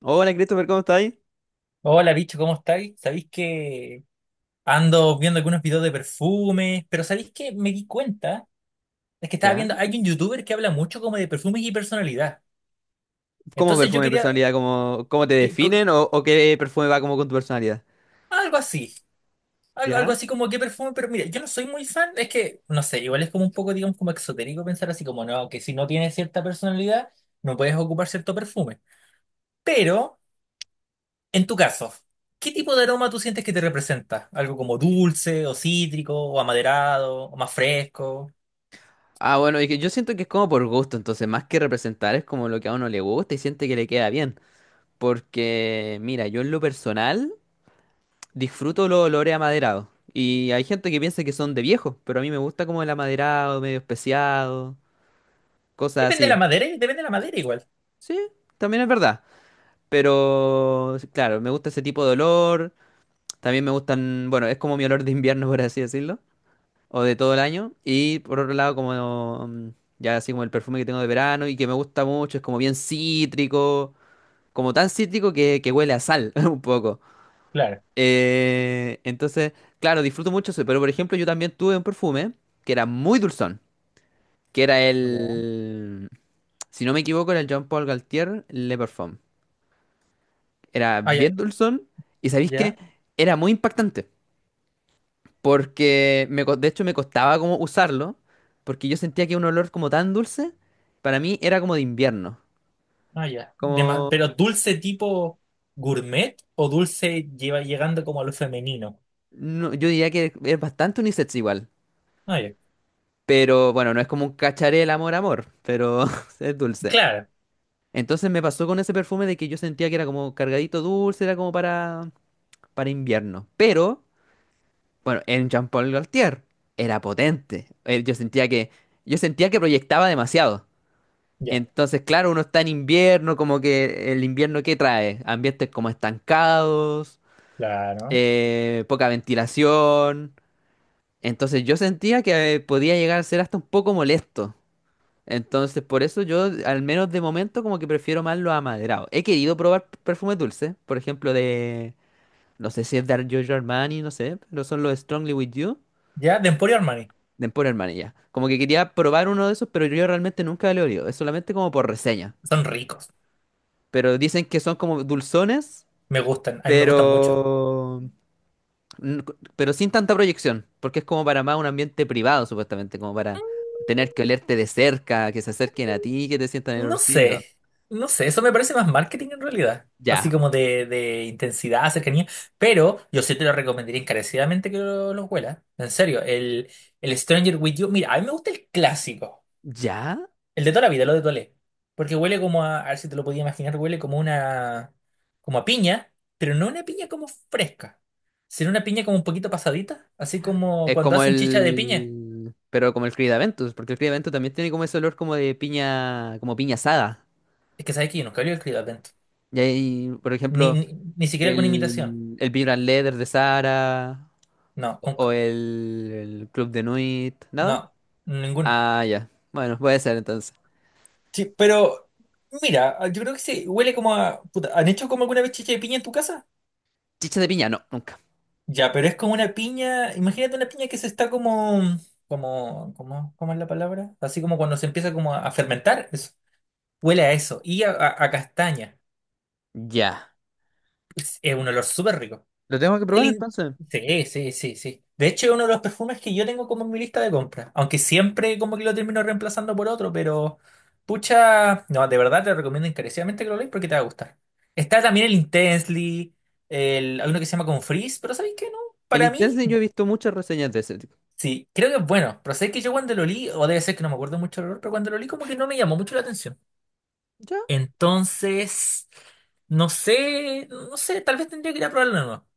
Hola Christopher, ¿cómo estás ahí? Hola, bicho, ¿cómo estáis? Sabéis que ando viendo algunos videos de perfumes, pero ¿sabéis que me di cuenta? Es que estaba ¿Ya? viendo, hay un youtuber que habla mucho como de perfumes y personalidad. ¿Cómo Entonces yo perfume mi quería personalidad? ¿Cómo te que, co- definen? ¿O qué perfume va como con tu personalidad? algo así, algo, ¿Ya? algo así como qué perfume, pero mira, yo no soy muy fan, es que, no sé, igual es como un poco, digamos, como exotérico pensar así como, no, que si no tienes cierta personalidad, no puedes ocupar cierto perfume. Pero, en tu caso, ¿qué tipo de aroma tú sientes que te representa? ¿Algo como dulce, o cítrico, o amaderado, o más fresco? Ah, bueno, y que yo siento que es como por gusto, entonces más que representar es como lo que a uno le gusta y siente que le queda bien. Porque, mira, yo en lo personal disfruto los olores amaderados. Y hay gente que piensa que son de viejo, pero a mí me gusta como el amaderado, medio especiado, cosas Depende de la así. madera, ¿eh? Depende de la madera igual. Sí, también es verdad. Pero, claro, me gusta ese tipo de olor. También me gustan, bueno, es como mi olor de invierno, por así decirlo, o de todo el año. Y por otro lado, como ya así como el perfume que tengo de verano y que me gusta mucho, es como bien cítrico, como tan cítrico que huele a sal un poco. Claro. Entonces, claro, disfruto mucho eso, pero por ejemplo, yo también tuve un perfume que era muy dulzón, que era Ya. el, si no me equivoco, era el Jean Paul Gaultier Le Parfum. Era Ah, ya, bien dulzón y ¿sabéis qué? ya, Era muy impactante. Porque de hecho me costaba como usarlo, porque yo sentía que un olor como tan dulce, para mí era como de invierno. ah, ya. Como, Pero dulce tipo gourmet o dulce lleva llegando como a lo femenino. no- yo diría que es bastante unisex igual. Ah, ya. Pero bueno, no es como un cacharel amor amor, pero es dulce. Claro, Entonces me pasó con ese perfume de que yo sentía que era como cargadito dulce, era como para invierno. Pero, bueno, en Jean Paul Gaultier era potente. Yo yo sentía que proyectaba demasiado. ya, Entonces, claro, uno está en invierno, como que el invierno ¿qué trae? Ambientes como estancados, claro. Poca ventilación. Entonces yo sentía que podía llegar a ser hasta un poco molesto. Entonces, por eso yo, al menos de momento, como que prefiero más los amaderados. He querido probar perfumes dulces, por ejemplo, de, no sé si es de Giorgio Armani, no sé, pero son los Strongly With You, Ya, de Emporio Armani. de Emporio Armani ya. Como que quería probar uno de esos, pero yo realmente nunca lo he olido, es solamente como por reseña. Son ricos, Pero dicen que son como dulzones, me gustan, a mí me gustan mucho. pero, pero sin tanta proyección, porque es como para más un ambiente privado, supuestamente, como para tener que olerte de cerca, que se acerquen a ti, que te sientan el No olorcito. sé, no sé, eso me parece más marketing en realidad. Así Ya, como de, intensidad, cercanía. Pero yo sí te lo recomendaría encarecidamente que lo huelas. En serio, el Stranger With You. Mira, a mí me gusta el clásico. ya. El de toda la vida, lo de Toilé. Porque huele como a ver si te lo podía imaginar, huele como una, como a piña, pero no una piña como fresca, sino una piña como un poquito pasadita, así como Es cuando como hacen chicha de piña. el... Pero como el Creed, porque el Creed también tiene como ese olor como de piña, como piña asada. Es que sabes que yo nunca había escrito atento. Y ahí, por Ni, ejemplo, ni, ni siquiera con imitación. El Vibrant Leather de Sara No, o nunca. El Club de Nuit, ¿nada? No, ninguno. Ah, ya. Bueno, puede ser entonces. Sí, pero mira, yo creo que sí, huele como a, puta, ¿han hecho como alguna vez chicha de piña en tu casa? Chicha de piña, no, nunca. Ya, pero es como una piña, imagínate una piña que se está como, ¿cómo es la palabra? Así como cuando se empieza como a fermentar, eso. Huele a eso, y a castaña. Ya. Es un olor súper rico. Lo tengo que El probar in- entonces. Sí, sí, sí, sí. De hecho, es uno de los perfumes que yo tengo como en mi lista de compras, aunque siempre como que lo termino reemplazando por otro, pero pucha, no, de verdad te recomiendo encarecidamente que lo leas porque te va a gustar. Está también el Intensely, hay uno que se llama Con Frizz. Pero ¿sabéis qué? No, El para mí. Intensity yo he visto muchas reseñas de ese tipo. Sí, creo que es bueno, pero sé que yo cuando lo li o debe ser que no me acuerdo mucho el olor, pero cuando lo li como que no me llamó mucho la atención. ¿Ya? Entonces, no sé, no sé, tal vez tendría que ir a probarlo de nuevo.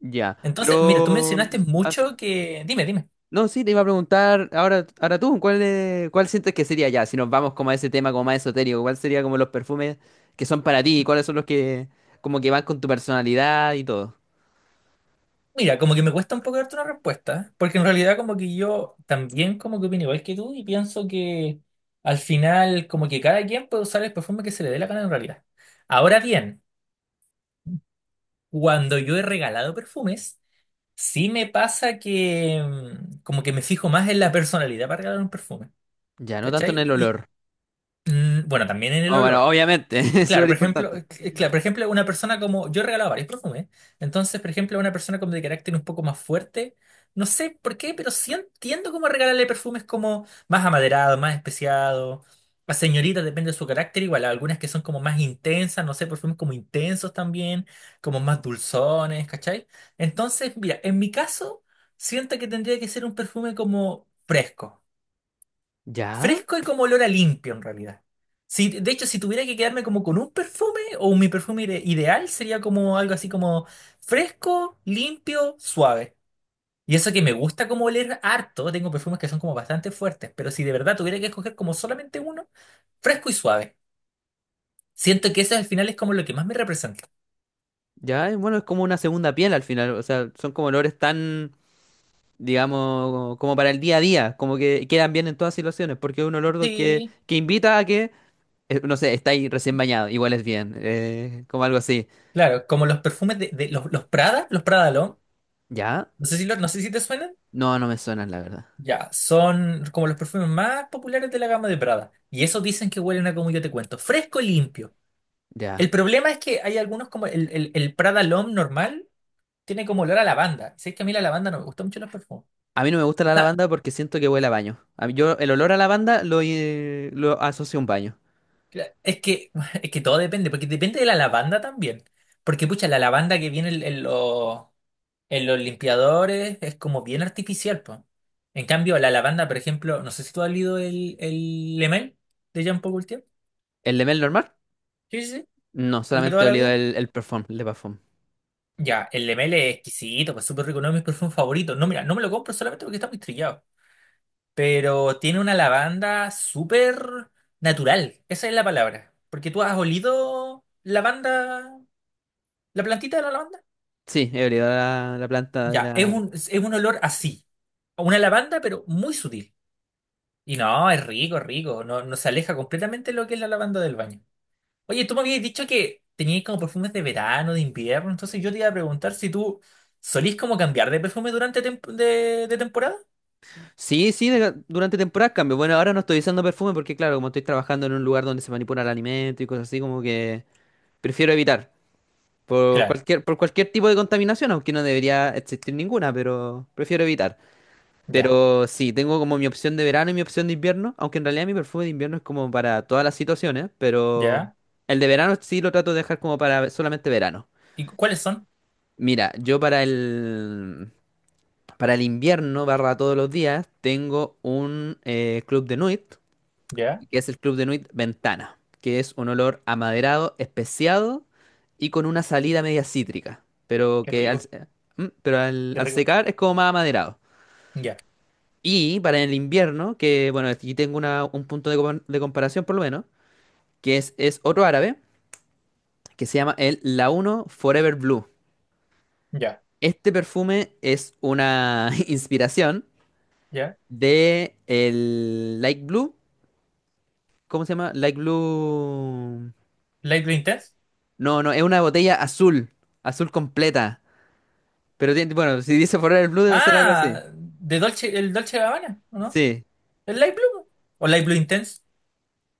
Ya. Entonces, mira, tú Pero. mencionaste ah, su- mucho que. Dime, dime. No, sí, te iba a preguntar. Ahora tú, ¿cuál, es- cuál sientes que sería ya? Si nos vamos como a ese tema como más esotérico, ¿cuál sería como los perfumes que son para ti? ¿Cuáles son los que como que van con tu personalidad y todo? Mira, como que me cuesta un poco darte una respuesta, ¿eh? Porque en realidad como que yo también como que opino igual que tú y pienso que al final como que cada quien puede usar el perfume que se le dé la gana en realidad. Ahora bien, cuando yo he regalado perfumes, sí me pasa que como que me fijo más en la personalidad para regalar un perfume, Ya, no tanto en ¿cachai? el Y olor. Bueno, también en el Oh, bueno, olor. obviamente, es Claro, súper por ejemplo, importante. Claro, por ejemplo, una persona como, yo he regalado varios perfumes, entonces, por ejemplo, una persona como de carácter un poco más fuerte, no sé por qué, pero sí entiendo cómo regalarle perfumes como más amaderados, más especiados, a señoritas, depende de su carácter, igual, algunas que son como más intensas, no sé, perfumes como intensos también, como más dulzones, ¿cachai? Entonces, mira, en mi caso, siento que tendría que ser un perfume como fresco. Ya, Fresco y como olor a limpio en realidad. Si, de hecho, si tuviera que quedarme como con un perfume o mi perfume ideal sería como algo así como fresco, limpio, suave. Y eso que me gusta como oler harto, tengo perfumes que son como bastante fuertes, pero si de verdad tuviera que escoger como solamente uno, fresco y suave. Siento que ese al final es como lo que más me representa. ya, y bueno, es como una segunda piel al final. O sea, son como olores tan, digamos, como para el día a día, como que quedan bien en todas situaciones, porque es un olor que, Sí, que invita a que, no sé, está ahí recién bañado, igual es bien, como algo así. claro, como los perfumes de, de los Prada L'Homme. ¿Ya? No sé si te suenan. No, no me suenan, la verdad. Ya, son como los perfumes más populares de la gama de Prada. Y esos dicen que huelen a como yo te cuento, fresco y limpio. El Ya. problema es que hay algunos como el, el Prada L'Homme normal tiene como olor a lavanda. Sé que a mí la lavanda no me gusta mucho en los perfumes. A mí no me gusta O la sea, lavanda porque siento que huele a baño. A mí- yo el olor a lavanda lo asocio a un baño. es que, es que todo depende, porque depende de la lavanda también. Porque, pucha, la lavanda que viene en, en los limpiadores es como bien artificial, po. En cambio, la lavanda, por ejemplo, no sé si tú has leído el, Lemel de Jean Paul Gaultier. ¿El de Mel normal? Sí, sí, sí. No, El de solamente toda he la olido vida. El perfume, el de parfum. Ya, el Lemele es exquisito, pues súper rico, no es mi perfume favorito. No, mira, no me lo compro solamente porque está muy trillado. Pero tiene una lavanda súper natural, esa es la palabra. Porque tú has olido lavanda, la plantita de la lavanda. Sí, he olido la planta de Ya, la, es un olor así. A una lavanda, pero muy sutil. Y no, es rico, es rico. No, no se aleja completamente de lo que es la lavanda del baño. Oye, tú me habías dicho que tenías como perfumes de verano, de invierno, entonces yo te iba a preguntar si tú solís como cambiar de perfume durante de temporada. sí, sí, durante temporadas cambio. Bueno, ahora no estoy usando perfume porque, claro, como estoy trabajando en un lugar donde se manipula el alimento y cosas así, como que prefiero evitar. Claro, Por cualquier tipo de contaminación, aunque no debería existir ninguna, pero prefiero evitar. ya, Pero sí, tengo como mi opción de verano y mi opción de invierno, aunque en realidad mi perfume de invierno es como para todas las situaciones, pero ya. el de verano sí lo trato de dejar como para solamente verano. ¿Y cuáles son? Mira, yo para para el invierno, barra todos los días, tengo un Club de Nuit Ya, que es el Club de Nuit Ventana, que es un olor amaderado, especiado y con una salida media cítrica, pero qué que al, rico, pero qué al rico. secar es como más amaderado. Ya, Y para el invierno, que bueno, aquí tengo un punto de, de comparación por lo menos, que es otro árabe, que se llama el Launo Forever Blue. ya, Este perfume es una inspiración ya. de el Light Blue, ¿cómo se llama? Light Blue... Light Blue Intense. No, no, es una botella azul, azul completa. Pero tiene, bueno, si dice Forever Blue debe ser algo así. Ah, de Dolce, el Dolce Gabbana, ¿o no? Sí. ¿El Light Blue? ¿O Light Blue Intense?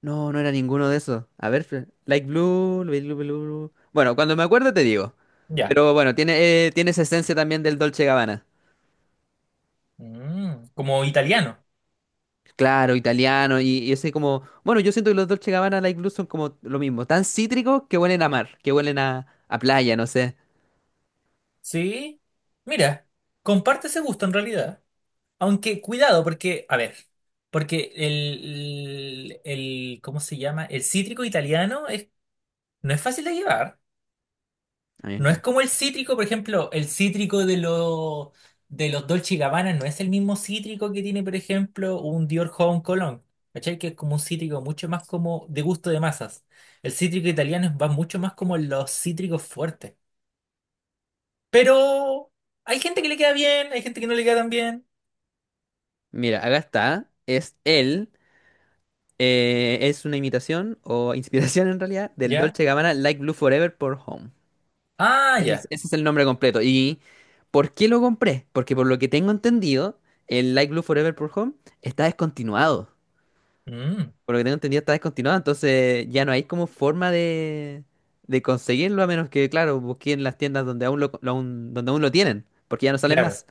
No, no era ninguno de esos. A ver, Fre- Light Blue, Light Blue, Blue, Blue. Bueno, cuando me acuerdo te digo. Ya. Pero bueno, tiene, tiene esa esencia también del Dolce Gabbana. Como italiano. Claro, italiano y ese como... Bueno, yo siento que los Dolce Gabbana Light Blue son como lo mismo. Tan cítricos que huelen a mar, que huelen a playa, no sé. Sí. Mira, comparte ese gusto en realidad. Aunque cuidado, porque, a ver, porque el, ¿cómo se llama? El cítrico italiano es, no es fácil de llevar. A mí me No es encanta. como el cítrico, por ejemplo, el cítrico de lo de los Dolce y Gabbana no es el mismo cítrico que tiene, por ejemplo, un Dior Homme Cologne. ¿Cachai? Que es como un cítrico mucho más como de gusto de masas. El cítrico italiano va mucho más como los cítricos fuertes. Pero hay gente que le queda bien, hay gente que no le queda tan bien. Mira, acá está. Es él. Es una imitación o inspiración en realidad del ¿Ya? Dolce Gabbana Like Blue Forever por Home. Ah, ya. Ese es el nombre completo. ¿Y por qué lo compré? Porque por lo que tengo entendido, el Like Blue Forever por Home está descontinuado. Mm, Por lo que tengo entendido está descontinuado, entonces ya no hay como forma de conseguirlo a menos que, claro, busquen las tiendas donde aún lo, donde aún lo tienen, porque ya no salen claro. más.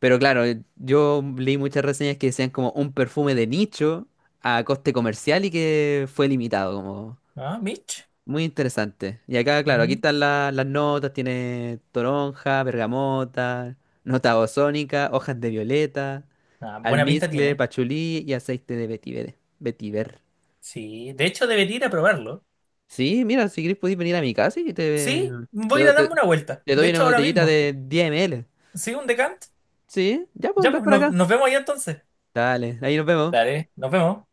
Pero claro, yo leí muchas reseñas que decían como un perfume de nicho a coste comercial y que fue limitado, como Ah, Mitch. muy interesante. Y acá, claro, aquí Mm. están las notas, tiene toronja, bergamota, nota ozónica, hojas de violeta, Ah, buena pinta almizcle, tiene. pachulí y aceite de vetiver. Vetiver. Sí, de hecho debería ir a probarlo. Sí, mira, si querés podés venir a mi casa y te, Sí, te, voy a ir do- a te- darme una vuelta. te De doy hecho, una ahora botellita mismo. de 10 ml. Sí, un decant. Sí, ya pues, Ya, ven pues para nos, acá. nos vemos ahí entonces. Dale, ahí nos vemos. Dale, nos vemos.